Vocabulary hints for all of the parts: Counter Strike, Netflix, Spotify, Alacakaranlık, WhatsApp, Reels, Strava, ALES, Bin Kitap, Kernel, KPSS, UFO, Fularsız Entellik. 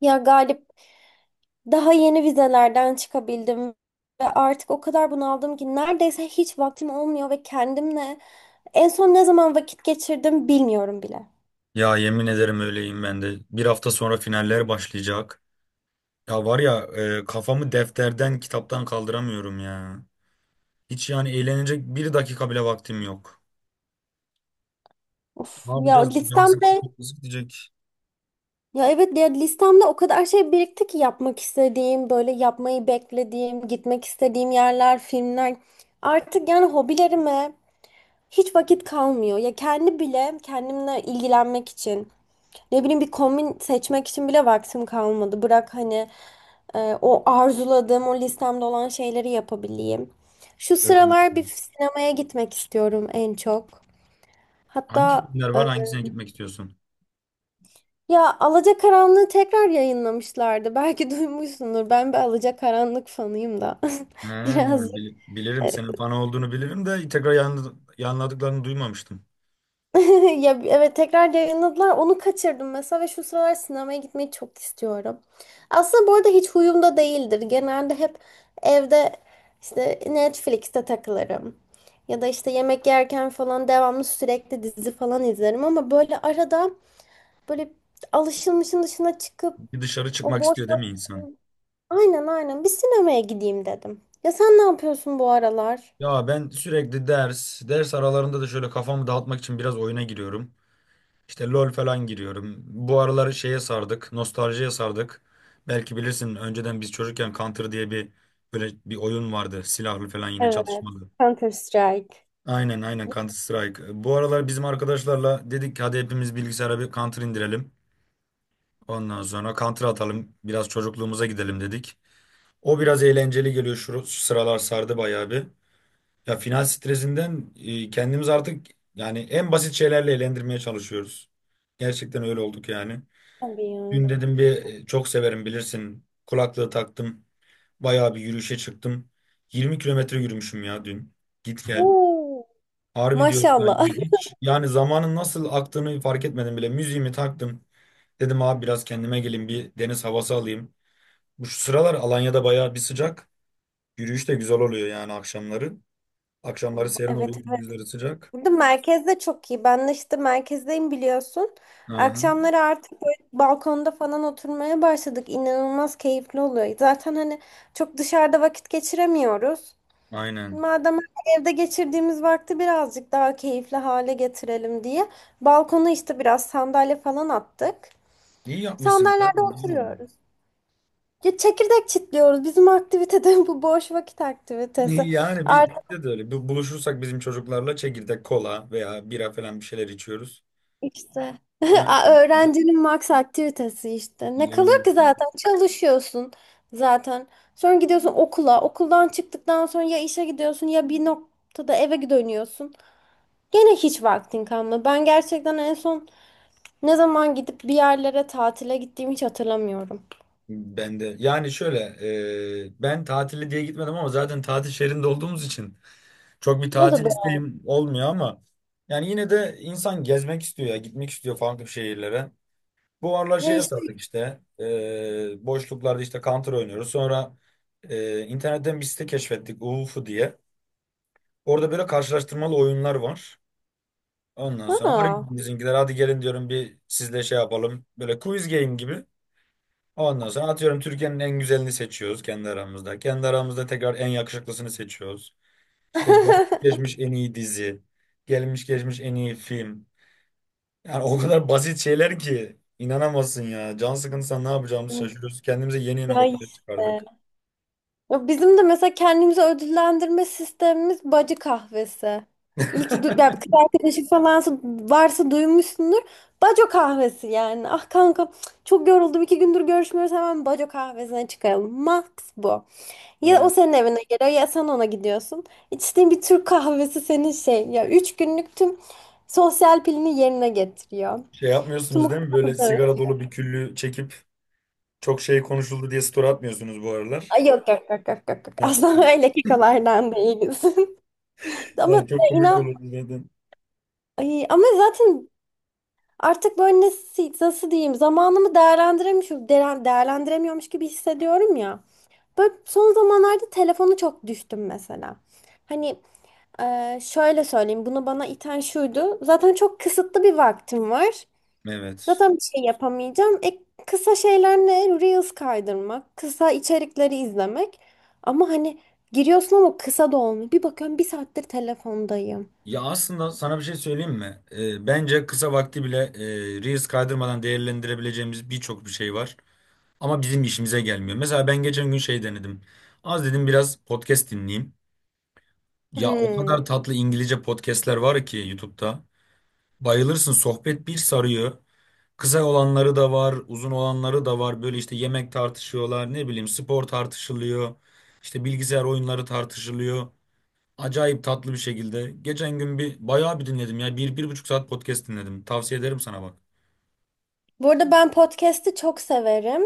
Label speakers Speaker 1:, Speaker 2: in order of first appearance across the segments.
Speaker 1: Ya Galip, daha yeni vizelerden çıkabildim ve artık o kadar bunaldım ki neredeyse hiç vaktim olmuyor ve kendimle en son ne zaman vakit geçirdim bilmiyorum bile.
Speaker 2: Ya yemin ederim öyleyim ben de. Bir hafta sonra finaller başlayacak. Ya var ya, kafamı defterden, kitaptan kaldıramıyorum ya. Hiç yani eğlenecek bir dakika bile vaktim yok.
Speaker 1: Of
Speaker 2: Ne
Speaker 1: ya
Speaker 2: yapacağız? Can
Speaker 1: listemde
Speaker 2: sıkıcı gidecek.
Speaker 1: Ya evet, ya listemde o kadar şey birikti ki yapmak istediğim, böyle yapmayı beklediğim, gitmek istediğim yerler, filmler, artık yani hobilerime hiç vakit kalmıyor. Ya kendi bile kendimle ilgilenmek için ne bileyim bir kombin seçmek için bile vaktim kalmadı. Bırak hani o arzuladığım, o listemde olan şeyleri yapabileyim. Şu
Speaker 2: Öyle.
Speaker 1: sıralar bir sinemaya gitmek istiyorum en çok.
Speaker 2: Hangi
Speaker 1: Hatta
Speaker 2: filmler
Speaker 1: e,
Speaker 2: var? Hangisine gitmek istiyorsun?
Speaker 1: ya Alacakaranlık'ı tekrar yayınlamışlardı. Belki duymuşsundur. Ben bir Alacakaranlık fanıyım da.
Speaker 2: He,
Speaker 1: Biraz.
Speaker 2: bilirim senin fan olduğunu bilirim de tekrar yanladıklarını duymamıştım.
Speaker 1: Ya evet, tekrar yayınladılar. Onu kaçırdım mesela ve şu sıralar sinemaya gitmeyi çok istiyorum. Aslında bu arada hiç huyumda değildir. Genelde hep evde işte Netflix'te takılırım. Ya da işte yemek yerken falan devamlı sürekli dizi falan izlerim, ama böyle arada böyle alışılmışın dışına çıkıp.
Speaker 2: Bir dışarı
Speaker 1: o
Speaker 2: çıkmak
Speaker 1: boş
Speaker 2: istiyor değil mi
Speaker 1: vakit-
Speaker 2: insan?
Speaker 1: Aynen aynen, bir sinemaya gideyim dedim. Ya sen ne yapıyorsun bu aralar?
Speaker 2: Ya ben sürekli ders aralarında da şöyle kafamı dağıtmak için biraz oyuna giriyorum. İşte LoL falan giriyorum. Bu aralar şeye sardık, nostaljiye sardık. Belki bilirsin önceden biz çocukken Counter diye bir böyle bir oyun vardı. Silahlı falan yine
Speaker 1: Evet.
Speaker 2: çatışmalı.
Speaker 1: Counter Strike.
Speaker 2: Aynen, aynen, Counter Strike. Bu aralar bizim arkadaşlarla dedik ki hadi hepimiz bilgisayara bir Counter indirelim. Ondan sonra Counter atalım. Biraz çocukluğumuza gidelim dedik. O biraz eğlenceli geliyor, şu sıralar sardı bayağı bir. Ya final stresinden kendimiz artık yani en basit şeylerle eğlendirmeye çalışıyoruz. Gerçekten öyle olduk yani.
Speaker 1: Tabii yani.
Speaker 2: Dün dedim bir çok severim bilirsin. Kulaklığı taktım. Bayağı bir yürüyüşe çıktım. 20 kilometre yürümüşüm ya dün. Git gel. Harbi diyorum
Speaker 1: Maşallah.
Speaker 2: yani hiç. Yani zamanın nasıl aktığını fark etmedim bile. Müziğimi taktım. Dedim abi biraz kendime geleyim, bir deniz havası alayım. Bu şu sıralar Alanya'da bayağı bir sıcak. Yürüyüş de güzel oluyor yani akşamları. Akşamları
Speaker 1: Oh,
Speaker 2: serin
Speaker 1: evet
Speaker 2: oluyor,
Speaker 1: evet.
Speaker 2: gündüzleri sıcak.
Speaker 1: Burada merkez de çok iyi. Ben de işte merkezdeyim, biliyorsun.
Speaker 2: Hı hı.
Speaker 1: Akşamları artık böyle balkonda falan oturmaya başladık. İnanılmaz keyifli oluyor. Zaten hani çok dışarıda vakit geçiremiyoruz.
Speaker 2: Aynen.
Speaker 1: Madem evde geçirdiğimiz vakti birazcık daha keyifli hale getirelim diye balkona işte biraz sandalye falan attık.
Speaker 2: İyi yapmışsınız.
Speaker 1: Sandalyelerde
Speaker 2: Aynen, güzel olmuş.
Speaker 1: oturuyoruz. Ya çekirdek çitliyoruz. Bizim aktivite de bu, boş vakit aktivitesi.
Speaker 2: Yani bizde de öyle. Buluşursak bizim çocuklarla çekirdek, kola veya bira falan bir şeyler içiyoruz.
Speaker 1: İşte,
Speaker 2: Ha,
Speaker 1: Öğrencinin max aktivitesi işte. Ne
Speaker 2: yemin
Speaker 1: kalıyor ki,
Speaker 2: ederim.
Speaker 1: zaten çalışıyorsun zaten. Sonra gidiyorsun okula. Okuldan çıktıktan sonra ya işe gidiyorsun ya bir noktada eve dönüyorsun. Gene hiç vaktin kalmıyor. Ben gerçekten en son ne zaman gidip bir yerlere tatile gittiğimi hiç hatırlamıyorum.
Speaker 2: Ben de. Yani şöyle, ben tatili diye gitmedim ama zaten tatil şehrinde olduğumuz için çok bir
Speaker 1: O da
Speaker 2: tatil
Speaker 1: doğru.
Speaker 2: isteğim olmuyor ama yani yine de insan gezmek istiyor ya, gitmek istiyor farklı şehirlere. Bu aralar
Speaker 1: Ya
Speaker 2: şeye
Speaker 1: işte,
Speaker 2: sardık işte, boşluklarda işte Counter oynuyoruz. Sonra internetten bir site keşfettik, UFO diye. Orada böyle karşılaştırmalı oyunlar var. Ondan sonra arayın
Speaker 1: ha.
Speaker 2: bizimkiler hadi gelin diyorum, bir sizle şey yapalım. Böyle quiz game gibi. Ondan sonra atıyorum Türkiye'nin en güzelini seçiyoruz kendi aramızda. Kendi aramızda tekrar en yakışıklısını seçiyoruz. İşte gelmiş geçmiş en iyi dizi. Gelmiş geçmiş en iyi film. Yani o kadar basit şeyler ki inanamazsın ya. Can sıkıntısı ne yapacağımızı şaşırıyoruz. Kendimize yeni yeni
Speaker 1: Ya
Speaker 2: hobiler
Speaker 1: işte.
Speaker 2: çıkardık.
Speaker 1: Ya bizim de mesela kendimizi ödüllendirme sistemimiz bacı kahvesi. Ya, kız arkadaşı falan varsa duymuşsundur. Baco kahvesi yani. Ah kanka, çok yoruldum, 2 gündür görüşmüyoruz, hemen baco kahvesine çıkaralım. Max bu. Ya
Speaker 2: Ama...
Speaker 1: o senin evine geliyor ya sen ona gidiyorsun. İçtiğin bir Türk kahvesi, senin şey, ya 3 günlük tüm sosyal pilini yerine getiriyor.
Speaker 2: Şey
Speaker 1: Tüm o
Speaker 2: yapmıyorsunuz değil mi? Böyle sigara dolu bir küllü çekip çok şey konuşuldu diye story atmıyorsunuz bu aralar.
Speaker 1: Ay, yok yok yok yok yok. Yok.
Speaker 2: Ha,
Speaker 1: Aslında
Speaker 2: evet.
Speaker 1: öyle kekalardan değiliz. Ama
Speaker 2: Yani çok komik
Speaker 1: inan.
Speaker 2: olurdu zaten.
Speaker 1: Ay, ama zaten artık böyle, nasıl diyeyim, zamanımı değerlendiremiyorum, değerlendiremiyormuş gibi hissediyorum ya. Böyle son zamanlarda telefonu çok düştüm mesela. Hani şöyle söyleyeyim, bunu bana iten şuydu. Zaten çok kısıtlı bir vaktim var.
Speaker 2: Evet.
Speaker 1: Zaten bir şey yapamayacağım. Kısa şeyler ne? Reels kaydırmak, kısa içerikleri izlemek. Ama hani giriyorsun ama kısa da olmuyor. Bir bakıyorum bir saattir telefondayım.
Speaker 2: Ya aslında sana bir şey söyleyeyim mi? Bence kısa vakti bile Reels kaydırmadan değerlendirebileceğimiz birçok bir şey var. Ama bizim işimize gelmiyor. Mesela ben geçen gün şey denedim. Az dedim biraz podcast dinleyeyim. Ya o
Speaker 1: Hmm.
Speaker 2: kadar tatlı İngilizce podcastler var ki YouTube'da. Bayılırsın, sohbet bir sarıyor. Kısa olanları da var, uzun olanları da var. Böyle işte yemek tartışıyorlar, ne bileyim spor tartışılıyor. İşte bilgisayar oyunları tartışılıyor. Acayip tatlı bir şekilde. Geçen gün bir bayağı bir dinledim ya. Bir, bir buçuk saat podcast dinledim. Tavsiye ederim sana bak.
Speaker 1: Bu arada ben podcast'i çok severim.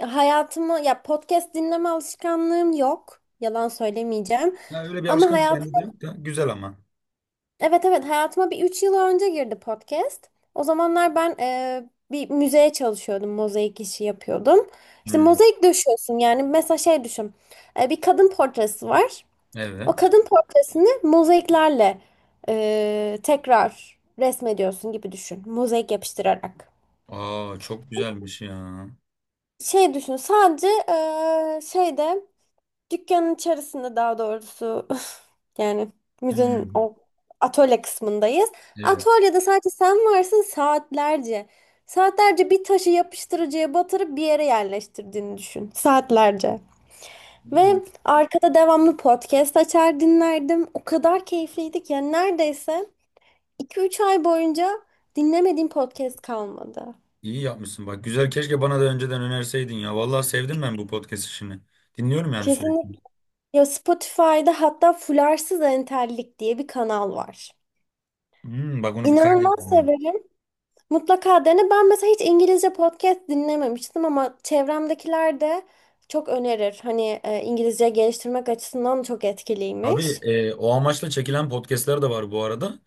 Speaker 1: Ya, podcast dinleme alışkanlığım yok. Yalan söylemeyeceğim.
Speaker 2: Ya öyle bir
Speaker 1: Ama
Speaker 2: alışkanlık
Speaker 1: hayatım
Speaker 2: bende de yok da. Güzel ama.
Speaker 1: Evet evet, hayatıma bir 3 yıl önce girdi podcast. O zamanlar ben bir müzeye çalışıyordum. Mozaik işi yapıyordum. İşte
Speaker 2: Hmm.
Speaker 1: mozaik döşüyorsun, yani mesela şey düşün. Bir kadın portresi var. O
Speaker 2: Evet.
Speaker 1: kadın portresini mozaiklerle tekrar resmediyorsun gibi düşün. Mozaik yapıştırarak.
Speaker 2: Aa, çok güzelmiş ya.
Speaker 1: Şey düşün sadece, şeyde, dükkanın içerisinde daha doğrusu. Yani müzenin
Speaker 2: Hmm.
Speaker 1: o atölye kısmındayız.
Speaker 2: Evet.
Speaker 1: Atölyede sadece sen varsın saatlerce. Saatlerce bir taşı yapıştırıcıya batırıp bir yere yerleştirdiğini düşün. Saatlerce. Ve
Speaker 2: Aa.
Speaker 1: arkada devamlı podcast açar dinlerdim. O kadar keyifliydi ki, yani neredeyse 2-3 ay boyunca dinlemediğim podcast kalmadı.
Speaker 2: İyi yapmışsın bak. Güzel, keşke bana da önceden önerseydin ya. Vallahi sevdim ben bu podcast işini. Dinliyorum yani sürekli.
Speaker 1: Kesinlikle. Ya Spotify'da hatta Fularsız Entellik diye bir kanal var.
Speaker 2: Hmm, bak onu bir
Speaker 1: İnanılmaz
Speaker 2: kaydedeyim.
Speaker 1: severim. Mutlaka dene. Ben mesela hiç İngilizce podcast dinlememiştim ama çevremdekiler de çok önerir. Hani İngilizce geliştirmek açısından çok
Speaker 2: Tabii,
Speaker 1: etkiliymiş.
Speaker 2: o amaçla çekilen podcastler de var bu arada.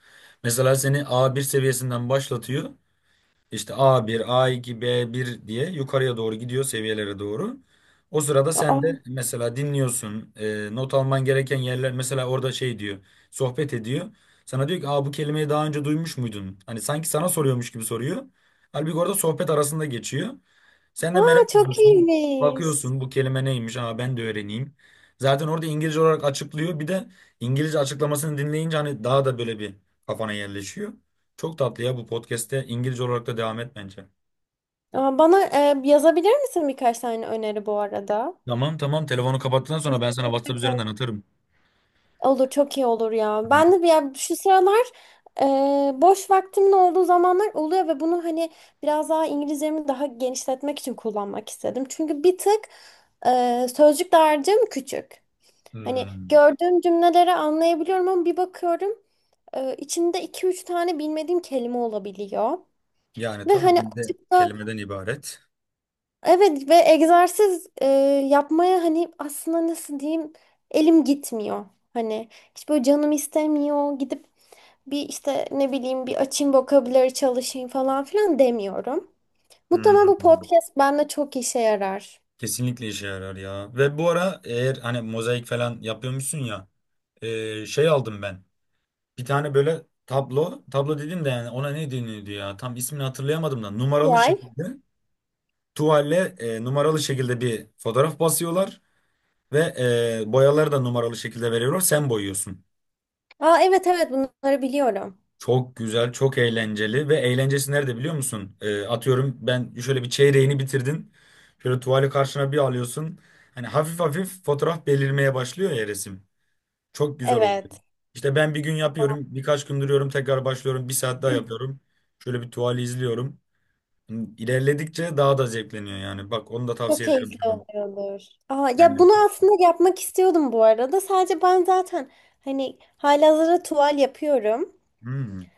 Speaker 2: Mesela seni A1 seviyesinden başlatıyor. İşte A1, A2, B1 diye yukarıya doğru gidiyor, seviyelere doğru. O sırada
Speaker 1: Aa,
Speaker 2: sen de mesela dinliyorsun. Not alman gereken yerler, mesela orada şey diyor. Sohbet ediyor. Sana diyor ki, "Aa, bu kelimeyi daha önce duymuş muydun?" Hani sanki sana soruyormuş gibi soruyor. Halbuki orada sohbet arasında geçiyor. Sen de
Speaker 1: aa,
Speaker 2: merak
Speaker 1: çok
Speaker 2: ediyorsun.
Speaker 1: iyiymiş.
Speaker 2: Bakıyorsun bu kelime neymiş? Aa, ben de öğreneyim. Zaten orada İngilizce olarak açıklıyor. Bir de İngilizce açıklamasını dinleyince hani daha da böyle bir kafana yerleşiyor. Çok tatlı ya, bu podcast'te İngilizce olarak da devam et bence.
Speaker 1: Aa, bana yazabilir misin birkaç tane öneri bu arada?
Speaker 2: Tamam, tamam, telefonu kapattıktan sonra ben sana
Speaker 1: Teşekkür
Speaker 2: WhatsApp
Speaker 1: ederim.
Speaker 2: üzerinden atarım.
Speaker 1: Olur, çok iyi olur ya. Ben de bir, ya şu sıralar e, boş vaktimin olduğu zamanlar oluyor ve bunu hani biraz daha İngilizcemi daha genişletmek için kullanmak istedim. Çünkü bir tık sözcük dağarcığım küçük. Hani
Speaker 2: Hmm.
Speaker 1: gördüğüm cümleleri anlayabiliyorum ama bir bakıyorum içinde iki üç tane bilmediğim kelime olabiliyor.
Speaker 2: Yani
Speaker 1: Ve
Speaker 2: tabii
Speaker 1: hani
Speaker 2: dilde
Speaker 1: açıkta,
Speaker 2: kelimeden ibaret.
Speaker 1: evet, ve egzersiz yapmaya, hani aslında nasıl diyeyim, elim gitmiyor. Hani hiç böyle canım istemiyor. Gidip bir işte ne bileyim bir açayım vokabuları çalışayım falan filan demiyorum. Muhtemelen bu
Speaker 2: Hmm.
Speaker 1: podcast bende çok işe yarar.
Speaker 2: Kesinlikle işe yarar ya. Ve bu ara eğer hani mozaik falan yapıyormuşsun ya, şey aldım ben. Bir tane böyle tablo dedim de yani ona ne deniyordu ya? Tam ismini hatırlayamadım da numaralı
Speaker 1: Yay.
Speaker 2: şekilde tuvalle, numaralı şekilde bir fotoğraf basıyorlar ve boyaları da numaralı şekilde veriyorlar. Sen boyuyorsun.
Speaker 1: Aa, evet evet, bunları biliyorum.
Speaker 2: Çok güzel, çok eğlenceli ve eğlencesi nerede biliyor musun? Atıyorum ben şöyle bir çeyreğini bitirdin. Şöyle tuvali karşına bir alıyorsun. Hani hafif hafif fotoğraf belirmeye başlıyor ya, resim. Çok güzel oluyor.
Speaker 1: Evet.
Speaker 2: İşte ben bir gün yapıyorum, birkaç gün duruyorum, tekrar başlıyorum, bir saat daha yapıyorum. Şöyle bir tuvali izliyorum. İlerledikçe daha da zevkleniyor yani. Bak onu da
Speaker 1: Çok
Speaker 2: tavsiye ederim
Speaker 1: keyifli
Speaker 2: sana.
Speaker 1: oluyordur. Aa, ya
Speaker 2: Aynen.
Speaker 1: bunu aslında yapmak istiyordum bu arada. Sadece ben zaten hani halihazırda tuval yapıyorum.
Speaker 2: Hmm.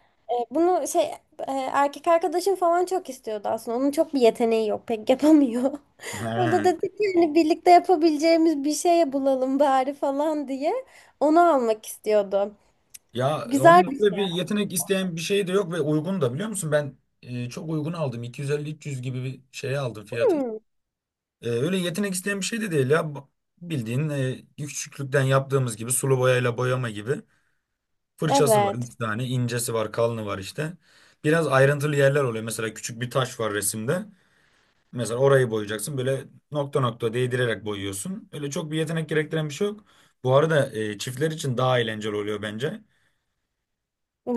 Speaker 1: Bunu şey, erkek arkadaşım falan çok istiyordu aslında. Onun çok bir yeteneği yok. Pek yapamıyor. O da
Speaker 2: He.
Speaker 1: dedi ki hani birlikte yapabileceğimiz bir şey bulalım bari falan diye. Onu almak istiyordu.
Speaker 2: Ya
Speaker 1: Güzel
Speaker 2: onun
Speaker 1: bir
Speaker 2: öyle bir
Speaker 1: şey
Speaker 2: yetenek
Speaker 1: aslında.
Speaker 2: isteyen bir şey de yok ve uygun da, biliyor musun? Ben çok uygun aldım. 250-300 gibi bir şey aldım fiyatı.
Speaker 1: Hmm,
Speaker 2: Öyle yetenek isteyen bir şey de değil ya. Bildiğin, küçüklükten yaptığımız gibi sulu boyayla boyama gibi. Fırçası var
Speaker 1: evet.
Speaker 2: üç tane, incesi var, kalını var işte. Biraz ayrıntılı yerler oluyor. Mesela küçük bir taş var resimde. Mesela orayı boyayacaksın. Böyle nokta nokta değdirerek boyuyorsun. Öyle çok bir yetenek gerektiren bir şey yok. Bu arada çiftler için daha eğlenceli oluyor bence.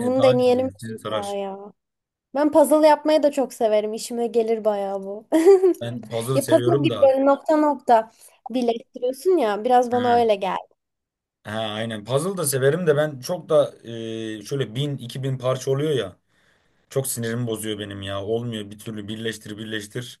Speaker 2: Daha güzel
Speaker 1: deneyelim
Speaker 2: olur, sizi
Speaker 1: mutlaka
Speaker 2: sarar.
Speaker 1: ya. Ben puzzle yapmayı da çok severim. İşime gelir bayağı bu.
Speaker 2: Ben puzzle
Speaker 1: Ya puzzle
Speaker 2: seviyorum
Speaker 1: gibi
Speaker 2: da.
Speaker 1: böyle nokta nokta birleştiriyorsun ya. Biraz bana
Speaker 2: He,
Speaker 1: öyle geldi.
Speaker 2: he, aynen. Puzzle da severim de ben çok da şöyle bin, iki bin parça oluyor ya. Çok sinirimi bozuyor benim ya. Olmuyor bir türlü, birleştir birleştir.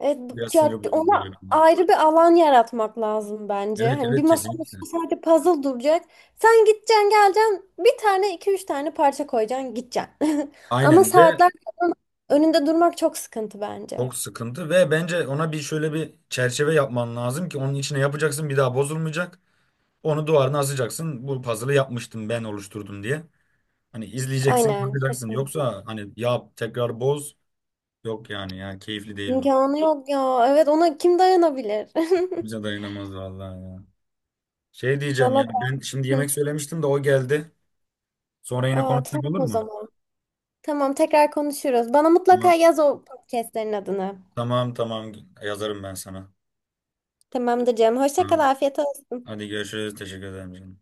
Speaker 1: Evet.
Speaker 2: Biraz sinir
Speaker 1: Ya
Speaker 2: bozucu
Speaker 1: ona
Speaker 2: oluyor benim.
Speaker 1: ayrı bir alan yaratmak lazım bence.
Speaker 2: Evet,
Speaker 1: Hani bir
Speaker 2: evet,
Speaker 1: masanın
Speaker 2: kesinlikle.
Speaker 1: üstünde sadece puzzle duracak. Sen gideceksin, geleceksin. Bir tane, iki, üç tane parça koyacaksın, gideceksin. Ama
Speaker 2: Aynen ve
Speaker 1: saatler falan önünde durmak çok sıkıntı bence.
Speaker 2: çok sıkıntı ve bence ona bir şöyle bir çerçeve yapman lazım ki onun içine yapacaksın, bir daha bozulmayacak. Onu duvarına asacaksın. Bu puzzle'ı yapmıştım, ben oluşturdum diye. Hani izleyeceksin
Speaker 1: Aynen,
Speaker 2: bakacaksın.
Speaker 1: kesinlikle.
Speaker 2: Yoksa hani yap tekrar boz. Yok yani ya, keyifli değil o.
Speaker 1: İmkanı yok ya. Evet, ona kim dayanabilir?
Speaker 2: Bize dayanamaz vallahi ya. Şey diyeceğim ya,
Speaker 1: Valla
Speaker 2: ben şimdi
Speaker 1: ben. Hı.
Speaker 2: yemek söylemiştim de o geldi. Sonra yine
Speaker 1: Aa,
Speaker 2: konuşsak
Speaker 1: tamam
Speaker 2: olur
Speaker 1: o
Speaker 2: mu?
Speaker 1: zaman. Tamam, tekrar konuşuruz. Bana mutlaka
Speaker 2: Tamam,
Speaker 1: yaz o podcastlerin adını.
Speaker 2: tamam, tamam, yazarım ben sana.
Speaker 1: Tamamdır canım. Hoşça kal,
Speaker 2: Tamam.
Speaker 1: afiyet olsun.
Speaker 2: Hadi görüşürüz, teşekkür ederim canım.